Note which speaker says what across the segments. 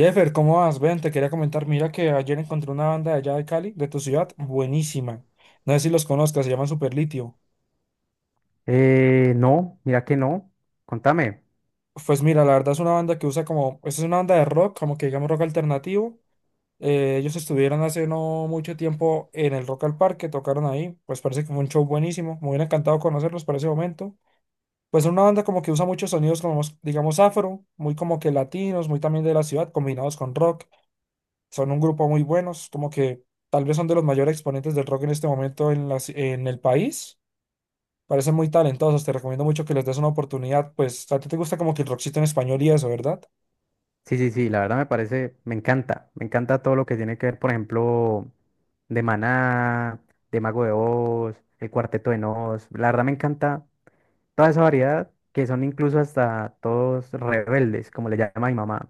Speaker 1: Jeffer, ¿cómo vas? Ven, te quería comentar, mira que ayer encontré una banda de allá de Cali, de tu ciudad, buenísima. No sé si los conozcas, se llaman Superlitio.
Speaker 2: No, mira que no. Contame.
Speaker 1: Pues mira, la verdad es una banda que usa como, es una banda de rock, como que digamos rock alternativo. Ellos estuvieron hace no mucho tiempo en el Rock al Parque, tocaron ahí, pues parece que fue un show buenísimo, me hubiera encantado conocerlos para ese momento. Pues es una banda como que usa muchos sonidos como, digamos, afro, muy como que latinos, muy también de la ciudad, combinados con rock. Son un grupo muy buenos, como que tal vez son de los mayores exponentes del rock en este momento en, en el país. Parecen muy talentosos, te recomiendo mucho que les des una oportunidad. Pues a ti te gusta como que el rockcito en español y eso, ¿verdad?
Speaker 2: Sí, sí, sí, la verdad me parece, me encanta. Me encanta todo lo que tiene que ver, por ejemplo, de Maná, de Mago de Oz, el Cuarteto de Nos. La verdad me encanta toda esa variedad que son incluso hasta todos rebeldes, como le llama mi mamá.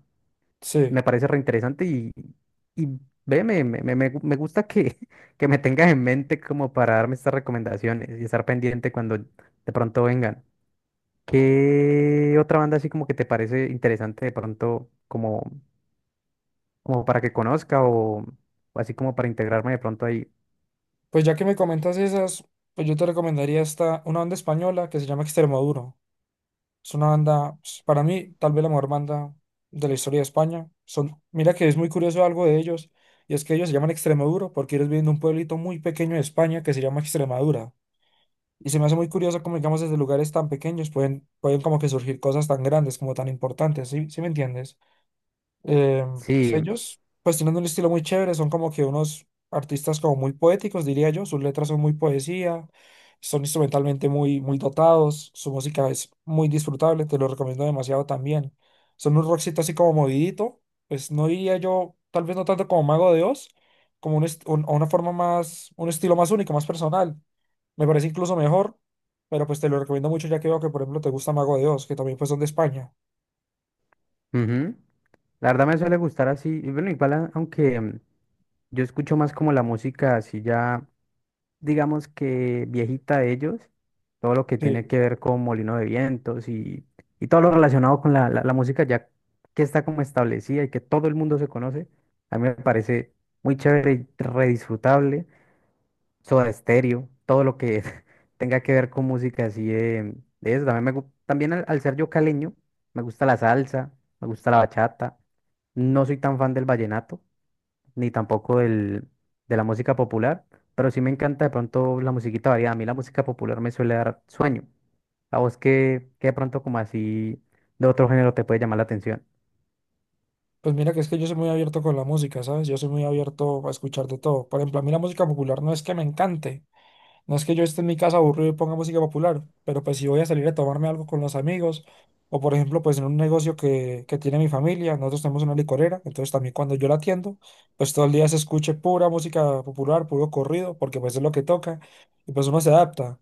Speaker 1: Sí.
Speaker 2: Me parece reinteresante y ve, me gusta que, que me tengas en mente como para darme estas recomendaciones y estar pendiente cuando de pronto vengan. ¿Qué otra banda así como que te parece interesante de pronto como, como para que conozca o así como para integrarme de pronto ahí?
Speaker 1: Pues ya que me comentas esas, pues yo te recomendaría esta, una banda española que se llama Extremoduro. Es una banda, pues, para mí, tal vez la mejor banda de la historia de España. Son, mira que es muy curioso algo de ellos, y es que ellos se llaman Extremoduro porque ellos vienen de un pueblito muy pequeño de España que se llama Extremadura. Y se me hace muy curioso cómo, digamos, desde lugares tan pequeños pueden como que surgir cosas tan grandes, como tan importantes, ¿sí? ¿Sí me entiendes? Eh, pues
Speaker 2: Sí,
Speaker 1: ellos, pues tienen un estilo muy chévere, son como que unos artistas como muy poéticos, diría yo, sus letras son muy poesía, son instrumentalmente muy dotados, su música es muy disfrutable, te lo recomiendo demasiado también. Son un rockcito así como movidito, pues no diría yo, tal vez no tanto como Mago de Oz, como una forma más, un estilo más único, más personal. Me parece incluso mejor, pero pues te lo recomiendo mucho ya que veo que, por ejemplo, te gusta Mago de Oz, que también pues son de España.
Speaker 2: ujú. La verdad me suele gustar así, y bueno, igual aunque yo escucho más como la música así ya, digamos que viejita de ellos, todo lo que tiene
Speaker 1: Sí,
Speaker 2: que ver con Molino de Vientos y todo lo relacionado con la música ya que está como establecida y que todo el mundo se conoce, a mí me parece muy chévere y redisfrutable. Soda Stereo, todo lo que tenga que ver con música así de eso. También, también al ser yo caleño, me gusta la salsa, me gusta la bachata. No soy tan fan del vallenato, ni tampoco del, de la música popular, pero sí me encanta de pronto la musiquita variada. A mí la música popular me suele dar sueño. A vos que, de pronto como así de otro género te puede llamar la atención.
Speaker 1: pues mira que es que yo soy muy abierto con la música, ¿sabes? Yo soy muy abierto a escuchar de todo. Por ejemplo, a mí la música popular no es que me encante, no es que yo esté en mi casa aburrido y ponga música popular, pero pues si voy a salir a tomarme algo con los amigos, o por ejemplo, pues en un negocio que tiene mi familia, nosotros tenemos una licorera, entonces también cuando yo la atiendo, pues todo el día se escuche pura música popular, puro corrido, porque pues es lo que toca, y pues uno se adapta.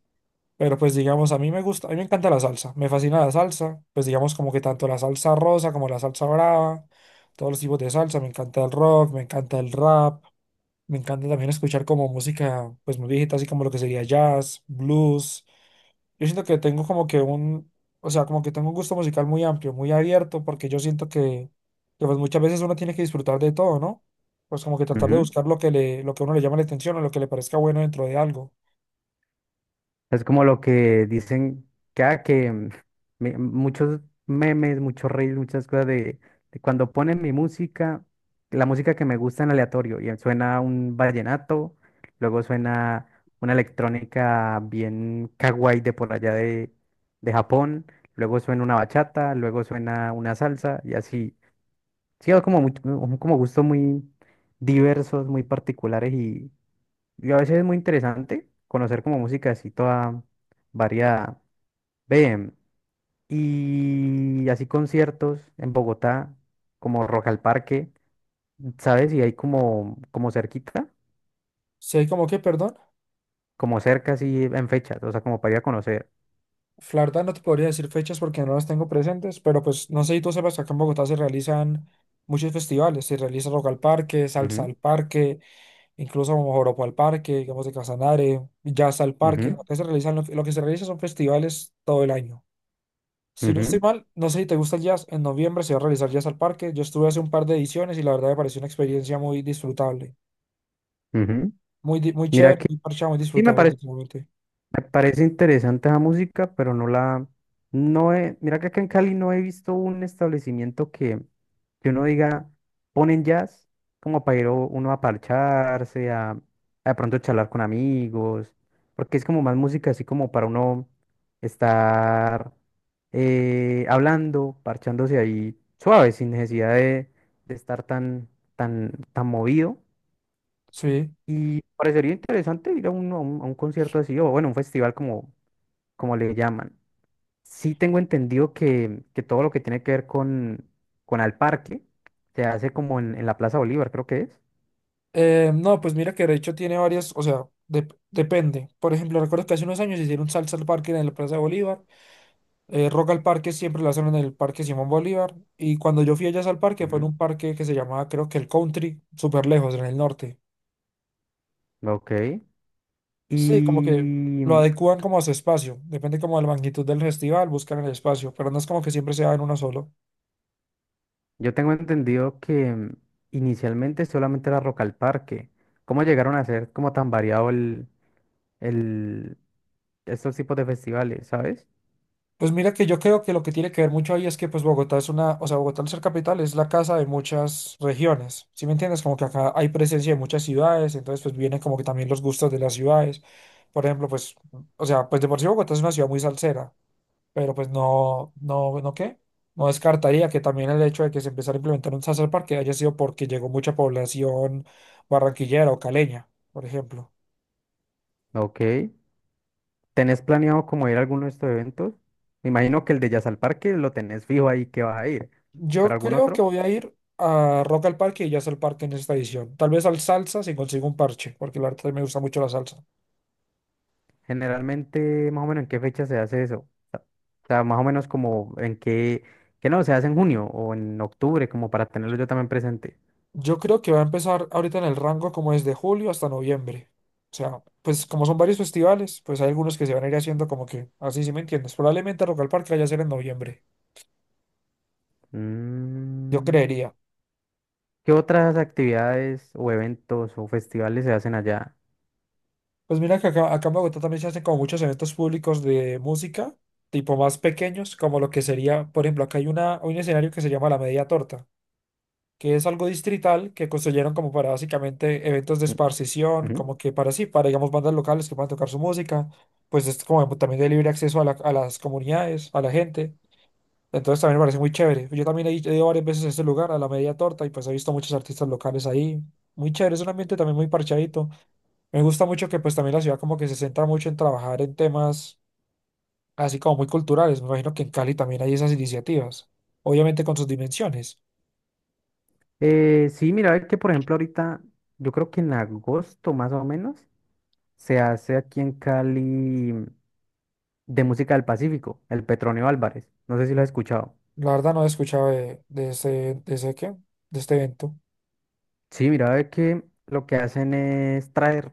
Speaker 1: Pero pues digamos, a mí me gusta, a mí me encanta la salsa, me fascina la salsa, pues digamos como que tanto la salsa rosa como la salsa brava, todos los tipos de salsa, me encanta el rock, me encanta el rap, me encanta también escuchar como música pues muy viejita, así como lo que sería jazz, blues. Yo siento que tengo como que un, o sea, como que tengo un gusto musical muy amplio, muy abierto, porque yo siento que pues muchas veces uno tiene que disfrutar de todo, ¿no? Pues como que tratar de
Speaker 2: Ujú.
Speaker 1: buscar lo que le, lo que a uno le llama la atención o lo que le parezca bueno dentro de algo.
Speaker 2: Es como lo que dicen que, ah, que muchos memes, muchos reels, muchas cosas de cuando ponen mi música, la música que me gusta en aleatorio, y suena un vallenato, luego suena una electrónica bien kawaii de por allá de Japón, luego suena una bachata, luego suena una salsa, y así. Sí, es como, como gustos muy diversos, muy particulares y a veces es muy interesante conocer como música así toda variada. Ve, y así conciertos en Bogotá, como Rock al Parque, ¿sabes? Y hay como, como cerquita,
Speaker 1: Sé como que, perdón.
Speaker 2: como cerca así en fechas, o sea, como para ir a conocer.
Speaker 1: La verdad no te podría decir fechas porque no las tengo presentes, pero pues no sé si tú sepas que acá en Bogotá se realizan muchos festivales, se realiza Rock al Parque, Salsa
Speaker 2: Ujú,
Speaker 1: al Parque, incluso Joropo al Parque, digamos de Casanare, Jazz al Parque,
Speaker 2: ujú,
Speaker 1: acá se realizan, lo que se realiza son festivales todo el año. Si no estoy
Speaker 2: ujú,
Speaker 1: mal, no sé si te gusta el jazz, en noviembre se va a realizar Jazz al Parque, yo estuve hace un par de ediciones y la verdad me pareció una experiencia muy disfrutable,
Speaker 2: ujú.
Speaker 1: muy, muy
Speaker 2: Mira
Speaker 1: chévere,
Speaker 2: que
Speaker 1: muy parchada, muy
Speaker 2: sí me
Speaker 1: disfrutable,
Speaker 2: parece.
Speaker 1: definitivamente.
Speaker 2: Me parece interesante esa música, pero no la, no he, mira que acá en Cali no he visto un establecimiento que uno diga, ponen jazz, como para ir uno a parcharse, a de pronto charlar con amigos, porque es como más música así como para uno estar hablando, parchándose ahí suave, sin necesidad de estar tan, tan movido.
Speaker 1: Sí.
Speaker 2: Y parecería interesante ir a un, a un, a un concierto así, o bueno, un festival como como le llaman. Sí tengo entendido que todo lo que tiene que ver con al parque se hace como en la Plaza Bolívar, creo que es.
Speaker 1: No, pues mira que de hecho tiene varias, o sea, depende. Por ejemplo, recuerdo que hace unos años hicieron salsa al parque en la Plaza de Bolívar. Rock al parque siempre la hacen en el Parque Simón Bolívar. Y cuando yo fui allá al parque fue en
Speaker 2: Ujú.
Speaker 1: un parque que se llamaba, creo que el Country, súper lejos, en el norte.
Speaker 2: Ok. Y
Speaker 1: Sí, como que lo adecúan como a su espacio. Depende como de la magnitud del festival, buscan el espacio, pero no es como que siempre sea en uno solo.
Speaker 2: yo tengo entendido que inicialmente solamente era Rock al Parque. ¿Cómo llegaron a ser como tan variado el, estos tipos de festivales, sabes?
Speaker 1: Pues mira que yo creo que lo que tiene que ver mucho ahí es que pues Bogotá es una, o sea, Bogotá al ser capital es la casa de muchas regiones, ¿sí me entiendes? Como que acá hay presencia de muchas ciudades, entonces pues vienen como que también los gustos de las ciudades. Por ejemplo, pues, o sea, pues de por sí Bogotá es una ciudad muy salsera, pero pues no, no, ¿no qué? No descartaría que también el hecho de que se empezara a implementar un salsa parque haya sido porque llegó mucha población barranquillera o caleña, por ejemplo.
Speaker 2: Ok. ¿Tenés planeado como ir a alguno de estos eventos? Me imagino que el de Jazz al Parque lo tenés fijo ahí que vas a ir, pero
Speaker 1: Yo
Speaker 2: algún
Speaker 1: creo que
Speaker 2: otro.
Speaker 1: voy a ir a Rock al Parque y ya es el parque en esta edición. Tal vez al salsa si consigo un parche, porque la verdad me gusta mucho la salsa.
Speaker 2: Generalmente, más o menos, ¿en qué fecha se hace eso? O sea, más o menos como en qué, que no, se hace en junio o en octubre, como para tenerlo yo también presente.
Speaker 1: Yo creo que va a empezar ahorita en el rango como desde julio hasta noviembre. O sea, pues como son varios festivales, pues hay algunos que se van a ir haciendo como que, así si me entiendes. Probablemente Rock al Parque vaya a ser en noviembre, yo
Speaker 2: Mm,
Speaker 1: creería.
Speaker 2: ¿Qué otras actividades o eventos o festivales se hacen allá?
Speaker 1: Pues mira que acá, acá en Bogotá también se hacen como muchos eventos públicos de música, tipo más pequeños, como lo que sería, por ejemplo, acá hay una, un escenario que se llama La Media Torta. Que es algo distrital que construyeron como para básicamente eventos de
Speaker 2: Mm,
Speaker 1: esparcición,
Speaker 2: ujú.
Speaker 1: como que para sí, para digamos bandas locales que puedan tocar su música, pues es como también de libre acceso a, a las comunidades, a la gente. Entonces también me parece muy chévere. Yo también he ido varias veces a este lugar, a la Media Torta, y pues he visto muchos artistas locales ahí. Muy chévere, es un ambiente también muy parchadito. Me gusta mucho que pues también la ciudad como que se centra mucho en trabajar en temas así como muy culturales. Me imagino que en Cali también hay esas iniciativas, obviamente con sus dimensiones.
Speaker 2: Sí, mira, ve que por ejemplo ahorita, yo creo que en agosto más o menos, se hace aquí en Cali de música del Pacífico, el Petronio Álvarez. No sé si lo has escuchado.
Speaker 1: La verdad no he escuchado de ese qué, de este evento.
Speaker 2: Sí, mira, ve que lo que hacen es traer.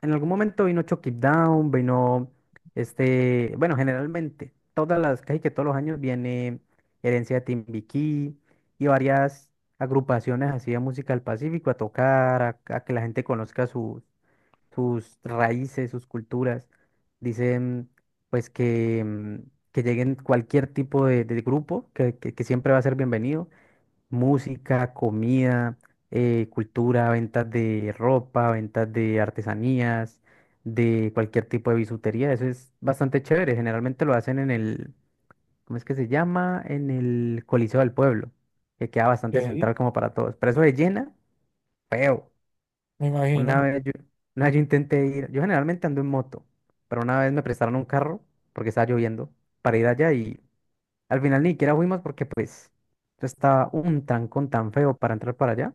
Speaker 2: En algún momento vino Chucky Down, vino este. Bueno, generalmente, todas las, casi que todos los años viene Herencia de Timbiquí y varias agrupaciones así de música del Pacífico a tocar, a que la gente conozca sus raíces, sus culturas. Dicen, pues, que, que lleguen cualquier tipo de grupo, que siempre va a ser bienvenido música, comida, cultura, ventas de ropa, ventas de artesanías, de cualquier tipo de bisutería. Eso es bastante chévere. Generalmente lo hacen en el, ¿cómo es que se llama? En el Coliseo del Pueblo, que queda bastante
Speaker 1: Ok.
Speaker 2: central como para todos. Pero eso de llena, feo.
Speaker 1: Me
Speaker 2: Una
Speaker 1: imagino.
Speaker 2: vez yo, una vez yo intenté ir, yo generalmente ando en moto, pero una vez me prestaron un carro porque estaba lloviendo para ir allá y al final ni siquiera fuimos porque pues... Eso estaba un trancón tan feo para entrar para allá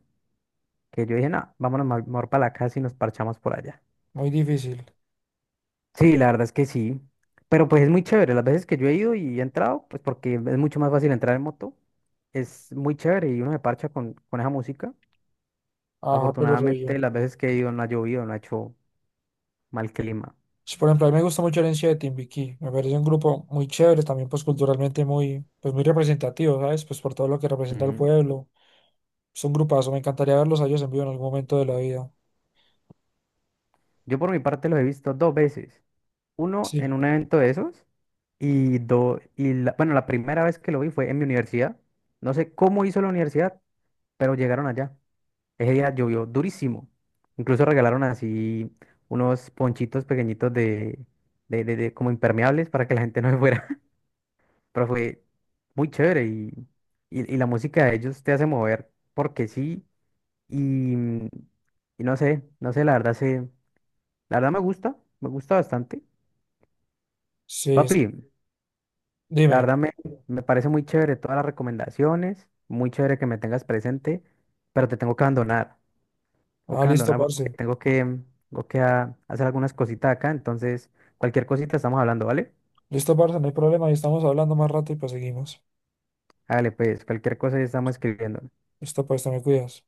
Speaker 2: que yo dije, no, vámonos mejor para la casa y nos parchamos por allá.
Speaker 1: Muy difícil.
Speaker 2: Sí, la verdad es que sí. Pero pues es muy chévere. Las veces que yo he ido y he entrado, pues porque es mucho más fácil entrar en moto, es muy chévere y uno se parcha con esa música.
Speaker 1: Ajá, pero re
Speaker 2: Afortunadamente,
Speaker 1: bien.
Speaker 2: las veces que he ido no ha llovido, no ha hecho mal clima.
Speaker 1: Sí, por ejemplo, a mí me gusta mucho Herencia de Timbiquí. Me parece un grupo muy chévere, también pues culturalmente muy, pues muy representativo, ¿sabes? Pues por todo lo que representa el
Speaker 2: Ujú.
Speaker 1: pueblo. Es un grupazo. Me encantaría verlos a ellos en vivo en algún momento de la vida.
Speaker 2: Yo por mi parte los he visto dos veces. Uno en
Speaker 1: Sí.
Speaker 2: un evento de esos y dos, y bueno, la primera vez que lo vi fue en mi universidad. No sé cómo hizo la universidad, pero llegaron allá. Ese día llovió durísimo. Incluso regalaron así unos ponchitos pequeñitos de, como impermeables para que la gente no se fuera. Pero fue muy chévere y la música de ellos te hace mover porque sí. Y, y no sé, no sé, la verdad se, la verdad me gusta bastante.
Speaker 1: Sí, es-
Speaker 2: Papi, la
Speaker 1: dime.
Speaker 2: verdad me, me parece muy chévere todas las recomendaciones, muy chévere que me tengas presente, pero te tengo que abandonar.
Speaker 1: Ah,
Speaker 2: Ok,
Speaker 1: listo,
Speaker 2: Andona, porque
Speaker 1: parce.
Speaker 2: tengo que, tengo que hacer algunas cositas acá, entonces cualquier cosita estamos hablando, ¿vale?
Speaker 1: Listo, parce, no hay problema. Ahí estamos hablando más rato y pues seguimos.
Speaker 2: Hágale pues, cualquier cosa estamos escribiendo.
Speaker 1: Listo, pues, te me cuidas.